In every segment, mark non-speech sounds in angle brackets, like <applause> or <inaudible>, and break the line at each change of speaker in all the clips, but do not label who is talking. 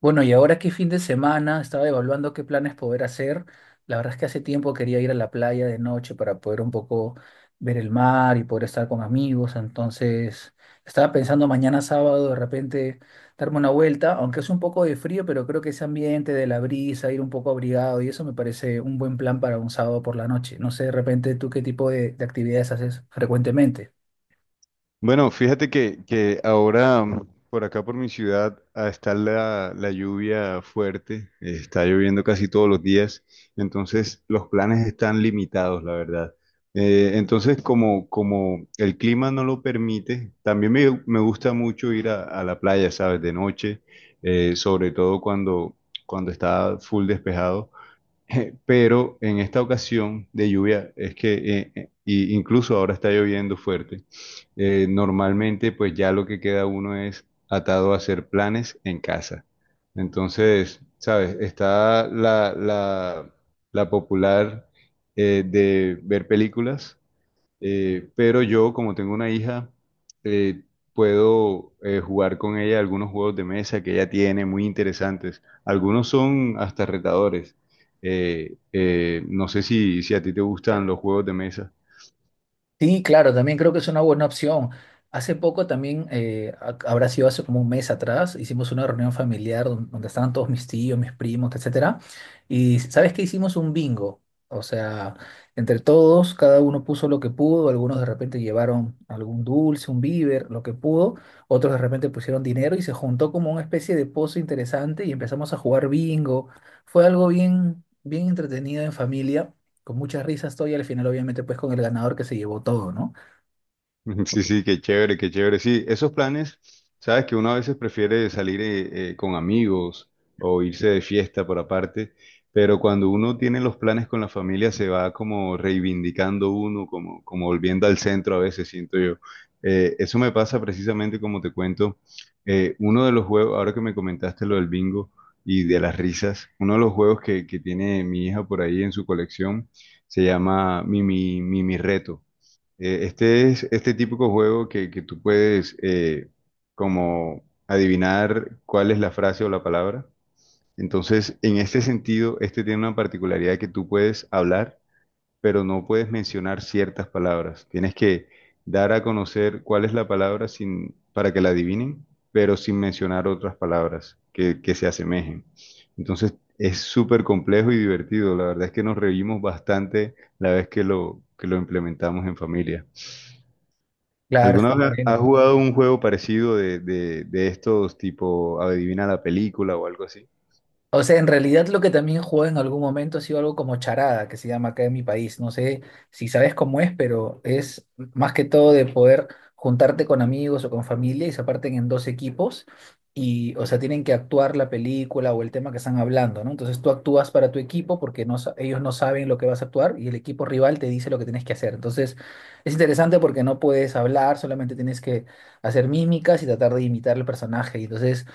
Bueno, y ahora que fin de semana estaba evaluando qué planes poder hacer. La verdad es que hace tiempo quería ir a la playa de noche para poder un poco ver el mar y poder estar con amigos. Entonces, estaba pensando mañana sábado de repente darme una vuelta, aunque es un poco de frío, pero creo que ese ambiente de la brisa, ir un poco abrigado y eso me parece un buen plan para un sábado por la noche. No sé, de repente, ¿tú qué tipo de actividades haces frecuentemente?
Bueno, fíjate que ahora por acá por mi ciudad está la lluvia fuerte, está lloviendo casi todos los días, entonces los planes están limitados, la verdad. Entonces, como el clima no lo permite, también me gusta mucho ir a la playa, ¿sabes? De noche, sobre todo cuando está full despejado. <laughs> Pero en esta ocasión de lluvia es que y incluso ahora está lloviendo fuerte. Eh, normalmente pues ya lo que queda uno es atado a hacer planes en casa. Entonces, ¿sabes? Está la popular de ver películas, pero yo, como tengo una hija, eh, puedo jugar con ella algunos juegos de mesa que ella tiene muy interesantes. Algunos son hasta retadores. No sé si a ti te gustan los juegos de mesa.
Sí, claro, también creo que es una buena opción. Hace poco también, habrá sido hace como un mes atrás, hicimos una reunión familiar donde estaban todos mis tíos, mis primos, etcétera. Y sabes que hicimos un bingo. O sea, entre todos, cada uno puso lo que pudo, algunos de repente llevaron algún dulce, un víver, lo que pudo, otros de repente pusieron dinero y se juntó como una especie de pozo interesante y empezamos a jugar bingo. Fue algo bien, bien entretenido en familia con muchas risas estoy y al final obviamente pues con el ganador que se llevó todo, ¿no?
<laughs> Sí, sí, qué chévere, qué chévere. Sí, esos planes, sabes que uno a veces prefiere salir con amigos o irse de fiesta por aparte, pero cuando uno tiene los planes con la familia se va como reivindicando uno, como, como volviendo al centro a veces, siento yo. Eso me pasa precisamente como te cuento, uno de los juegos, ahora que me comentaste lo del bingo y de las risas, uno de los juegos que tiene mi hija por ahí en su colección se llama Mimi, Mimi Reto. Este es este típico juego que tú puedes como adivinar cuál es la frase o la palabra. Entonces, en este sentido, este tiene una particularidad que tú puedes hablar, pero no puedes mencionar ciertas palabras. Tienes que dar a conocer cuál es la palabra sin, para que la adivinen, pero sin mencionar otras palabras que se asemejen. Entonces, es súper complejo y divertido. La verdad es que nos reímos bastante la vez que lo implementamos en familia.
Claro,
¿Alguna
está
vez
bien,
has
¿no?
jugado un juego parecido de estos tipo adivina la película o algo así?
O sea, en realidad lo que también jugó en algún momento ha sido algo como charada, que se llama acá en mi país. No sé si sabes cómo es, pero es más que todo de poder juntarte con amigos o con familia y se parten en dos equipos y, o sea, tienen que actuar la película o el tema que están hablando, ¿no? Entonces tú actúas para tu equipo porque no, ellos no saben lo que vas a actuar y el equipo rival te dice lo que tienes que hacer. Entonces es interesante porque no puedes hablar, solamente tienes que hacer mímicas y tratar de imitar el personaje. Y entonces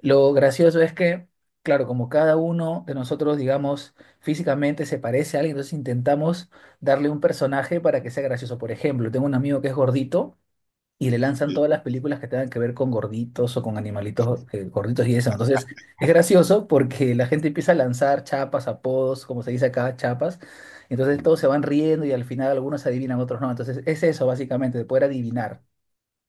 lo gracioso es que, claro, como cada uno de nosotros, digamos, físicamente se parece a alguien, entonces intentamos darle un personaje para que sea gracioso. Por ejemplo, tengo un amigo que es gordito y le lanzan todas las películas que tengan que ver con gorditos o con animalitos gorditos y eso. Entonces, es gracioso porque la gente empieza a lanzar chapas, apodos, como se dice acá, chapas. Entonces todos se van riendo y al final algunos adivinan, otros no. Entonces, es eso básicamente, de poder adivinar.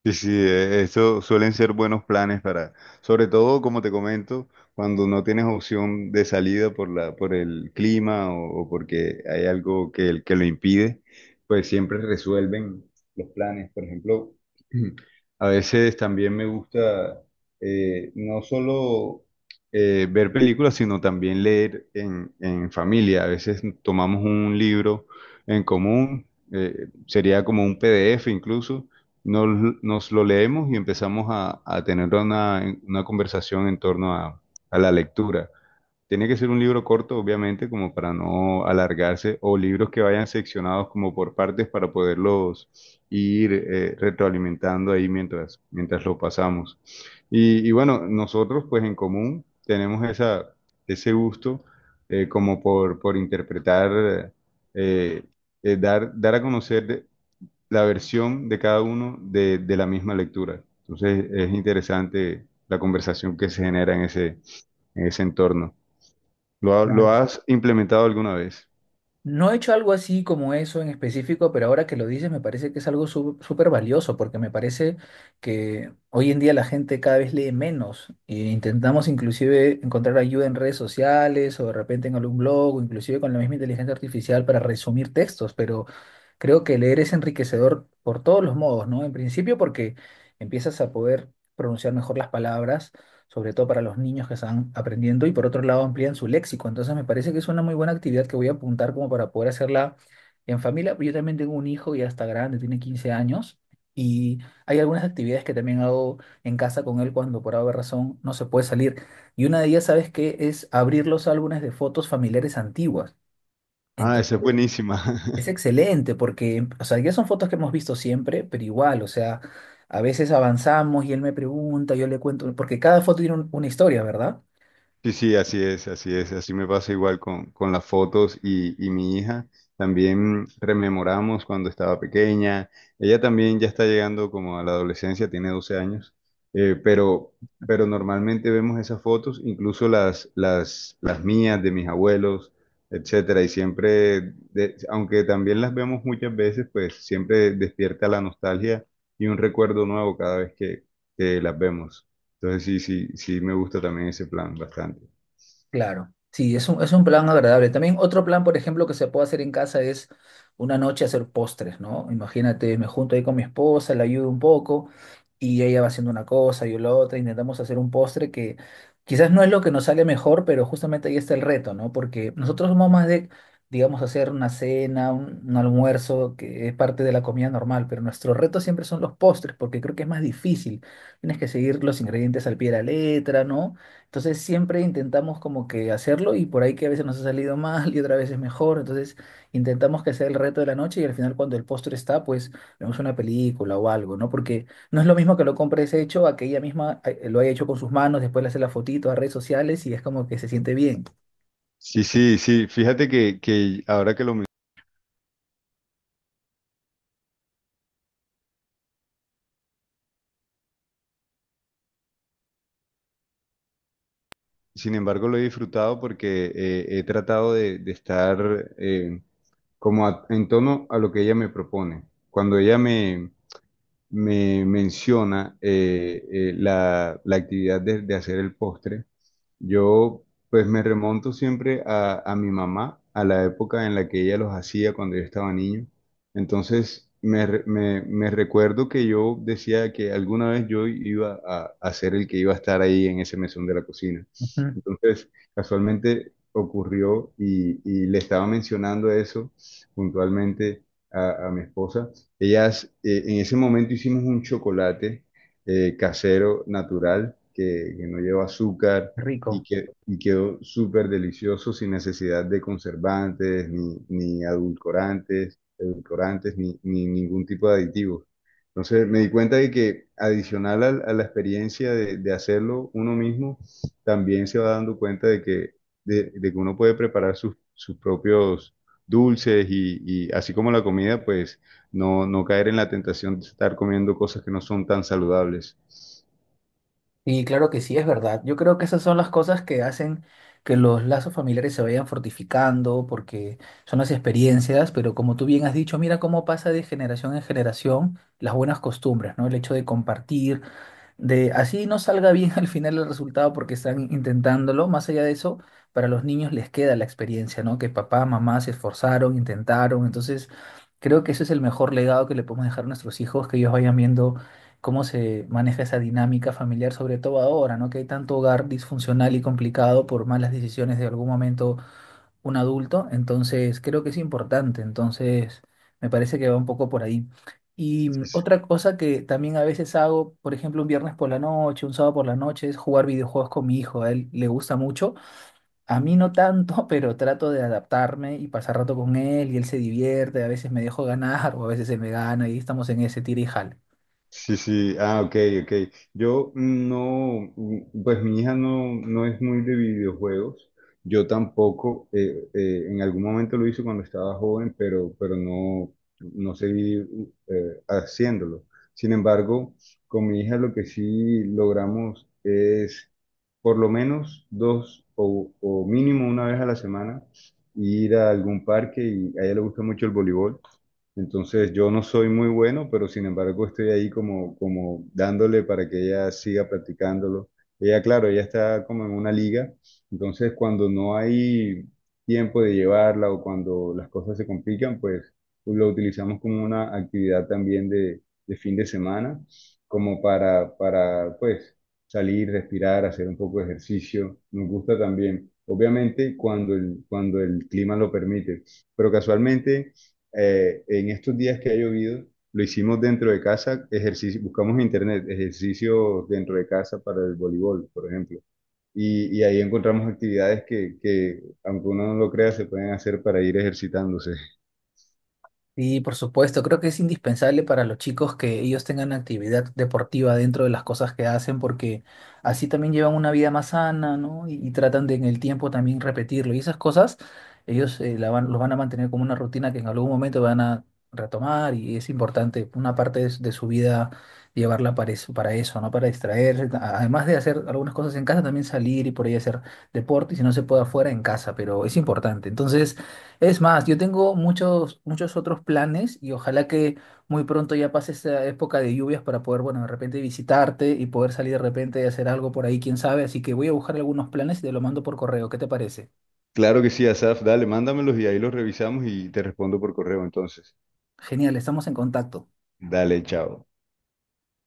Sí, sí, eso suelen ser buenos planes para, sobre todo como te comento, cuando no tienes opción de salida por la, por el clima o porque hay algo que lo impide, pues siempre resuelven los planes. Por ejemplo, <clears throat> a veces también me gusta no solo ver películas, sino también leer en familia. A veces tomamos un libro en común, sería como un PDF incluso nos lo leemos y empezamos a tener una conversación en torno a la lectura. Tiene que ser un libro corto, obviamente, como para no alargarse, o libros que vayan seccionados como por partes para poderlos ir retroalimentando ahí mientras lo pasamos. Y bueno, nosotros pues en común tenemos ese gusto, como por interpretar, eh, dar a conocer la versión de cada uno de la misma lectura. Entonces es interesante la conversación que se genera en ese entorno. Lo
Claro.
has implementado alguna vez?
No he hecho algo así como eso en específico, pero ahora que lo dices me parece que es algo súper valioso, porque me parece que hoy en día la gente cada vez lee menos e intentamos inclusive encontrar ayuda en redes sociales o de repente en algún blog o inclusive con la misma inteligencia artificial para resumir textos, pero creo que leer es enriquecedor por todos los modos, ¿no? En principio porque empiezas a poder pronunciar mejor las palabras sobre todo para los niños que están aprendiendo, y por otro lado amplían su léxico. Entonces me parece que es una muy buena actividad que voy a apuntar como para poder hacerla en familia. Yo también tengo un hijo ya está grande, tiene 15 años, y hay algunas actividades que también hago en casa con él cuando por alguna razón no se puede salir. Y una de ellas, ¿sabes qué? Es abrir los álbumes de fotos familiares antiguas.
Ah, esa es
Entonces,
buenísima.
es
<laughs>
excelente porque, o sea, ya son fotos que hemos visto siempre, pero igual, o sea, a veces avanzamos y él me pregunta, yo le cuento, porque cada foto tiene una historia, ¿verdad?
Sí, sí, así es, así es, así me pasa igual con las fotos y mi hija. También rememoramos cuando estaba pequeña. Ella también ya está llegando como a la adolescencia, tiene 12 años, eh, pero, pero normalmente vemos esas fotos, incluso las mías, de mis abuelos, etcétera. Y siempre, aunque también las vemos muchas veces, pues siempre despierta la nostalgia y un recuerdo nuevo cada vez que las vemos. Entonces sí, sí, sí me gusta también ese plan bastante.
Claro, sí, es es un plan agradable. También otro plan, por ejemplo, que se puede hacer en casa es una noche hacer postres, ¿no? Imagínate, me junto ahí con mi esposa, la ayudo un poco y ella va haciendo una cosa, yo la otra, intentamos hacer un postre que quizás no es lo que nos sale mejor, pero justamente ahí está el reto, ¿no? Porque nosotros somos más de, digamos, hacer una cena, un almuerzo, que es parte de la comida normal, pero nuestro reto siempre son los postres, porque creo que es más difícil. Tienes que seguir los ingredientes al pie de la letra, ¿no? Entonces siempre intentamos como que hacerlo y por ahí que a veces nos ha salido mal y otra vez es mejor. Entonces intentamos que sea el reto de la noche y al final cuando el postre está, pues vemos una película o algo, ¿no? Porque no es lo mismo que lo compres hecho a que ella misma lo haya hecho con sus manos, después le hace la fotito a redes sociales y es como que se siente bien.
Sí, sí, sí. Fíjate que ahora que lo Sin embargo, lo he disfrutado porque he tratado de estar como en tono a lo que ella me propone. Cuando ella me menciona la actividad de hacer el postre, yo pues me remonto siempre a mi mamá, a la época en la que ella los hacía cuando yo estaba niño. Entonces me recuerdo que yo decía que alguna vez yo iba a ser el que iba a estar ahí en ese mesón de la cocina.
Ujú.
Entonces, casualmente ocurrió y le estaba mencionando eso puntualmente a mi esposa. Ellas, en ese momento hicimos un chocolate casero, natural, que no lleva azúcar y,
Rico.
que, y quedó súper delicioso sin necesidad de conservantes, ni, ni adulcorantes, edulcorantes, ni, ni ningún tipo de aditivos. Entonces me di cuenta de que adicional a la experiencia de hacerlo uno mismo, también se va dando cuenta de que uno puede preparar sus propios dulces y así como la comida, pues no, no caer en la tentación de estar comiendo cosas que no son tan saludables.
Y claro que sí, es verdad. Yo creo que esas son las cosas que hacen que los lazos familiares se vayan fortificando, porque son las experiencias, pero como tú bien has dicho, mira cómo pasa de generación en generación las buenas costumbres, ¿no? El hecho de compartir, de así no salga bien <laughs> al final el resultado porque están intentándolo. Más allá de eso, para los niños les queda la experiencia, ¿no? Que papá, mamá se esforzaron, intentaron. Entonces, creo que ese es el mejor legado que le podemos dejar a nuestros hijos, que ellos vayan viendo cómo se maneja esa dinámica familiar, sobre todo ahora, ¿no? Que hay tanto hogar disfuncional y complicado por malas decisiones de algún momento un adulto, entonces creo que es importante, entonces me parece que va un poco por ahí. Y otra cosa que también a veces hago, por ejemplo, un viernes por la noche, un sábado por la noche, es jugar videojuegos con mi hijo, a él le gusta mucho, a mí no tanto, <laughs> pero trato de adaptarme y pasar rato con él y él se divierte, a veces me dejo ganar <laughs> o a veces él me gana y estamos en ese tira y jala.
Sí, sí, ah, ok, ok. Yo no, pues mi hija no, no es muy de videojuegos. Yo tampoco, en algún momento lo hice cuando estaba joven, pero no, no seguí haciéndolo. Sin embargo, con mi hija lo que sí logramos es por lo menos dos o mínimo una vez a la semana ir a algún parque y a ella le gusta mucho el voleibol. Entonces yo no soy muy bueno, pero sin embargo estoy ahí como, como dándole para que ella siga practicándolo. Ella, claro, ella está como en una liga, entonces cuando no hay tiempo de llevarla o cuando las cosas se complican, pues pues, lo utilizamos como una actividad también de fin de semana, como para pues salir, respirar, hacer un poco de ejercicio. Nos gusta también, obviamente cuando cuando el clima lo permite, pero casualmente en estos días que ha llovido, lo hicimos dentro de casa, ejercicio, buscamos en internet ejercicios dentro de casa para el voleibol, por ejemplo. Y ahí encontramos actividades que, aunque uno no lo crea, se pueden hacer para ir ejercitándose.
Sí, por supuesto, creo que es indispensable para los chicos que ellos tengan actividad deportiva dentro de las cosas que hacen, porque así también llevan una vida más sana, ¿no? Y tratan de en el tiempo también repetirlo. Y esas cosas, ellos los van a mantener como una rutina que en algún momento van a retomar y es importante una parte de su vida llevarla para eso, ¿no? Para distraerse, además de hacer algunas cosas en casa, también salir y por ahí hacer deporte, y si no se puede afuera, en casa, pero es importante. Entonces, es más, yo tengo muchos, muchos otros planes y ojalá que muy pronto ya pase esta época de lluvias para poder, bueno, de repente visitarte y poder salir de repente y hacer algo por ahí, quién sabe. Así que voy a buscar algunos planes y te lo mando por correo. ¿Qué te parece?
Claro que sí, Asaf, dale, mándamelos y ahí los revisamos y te respondo por correo entonces.
Genial, estamos en contacto.
Dale, chao.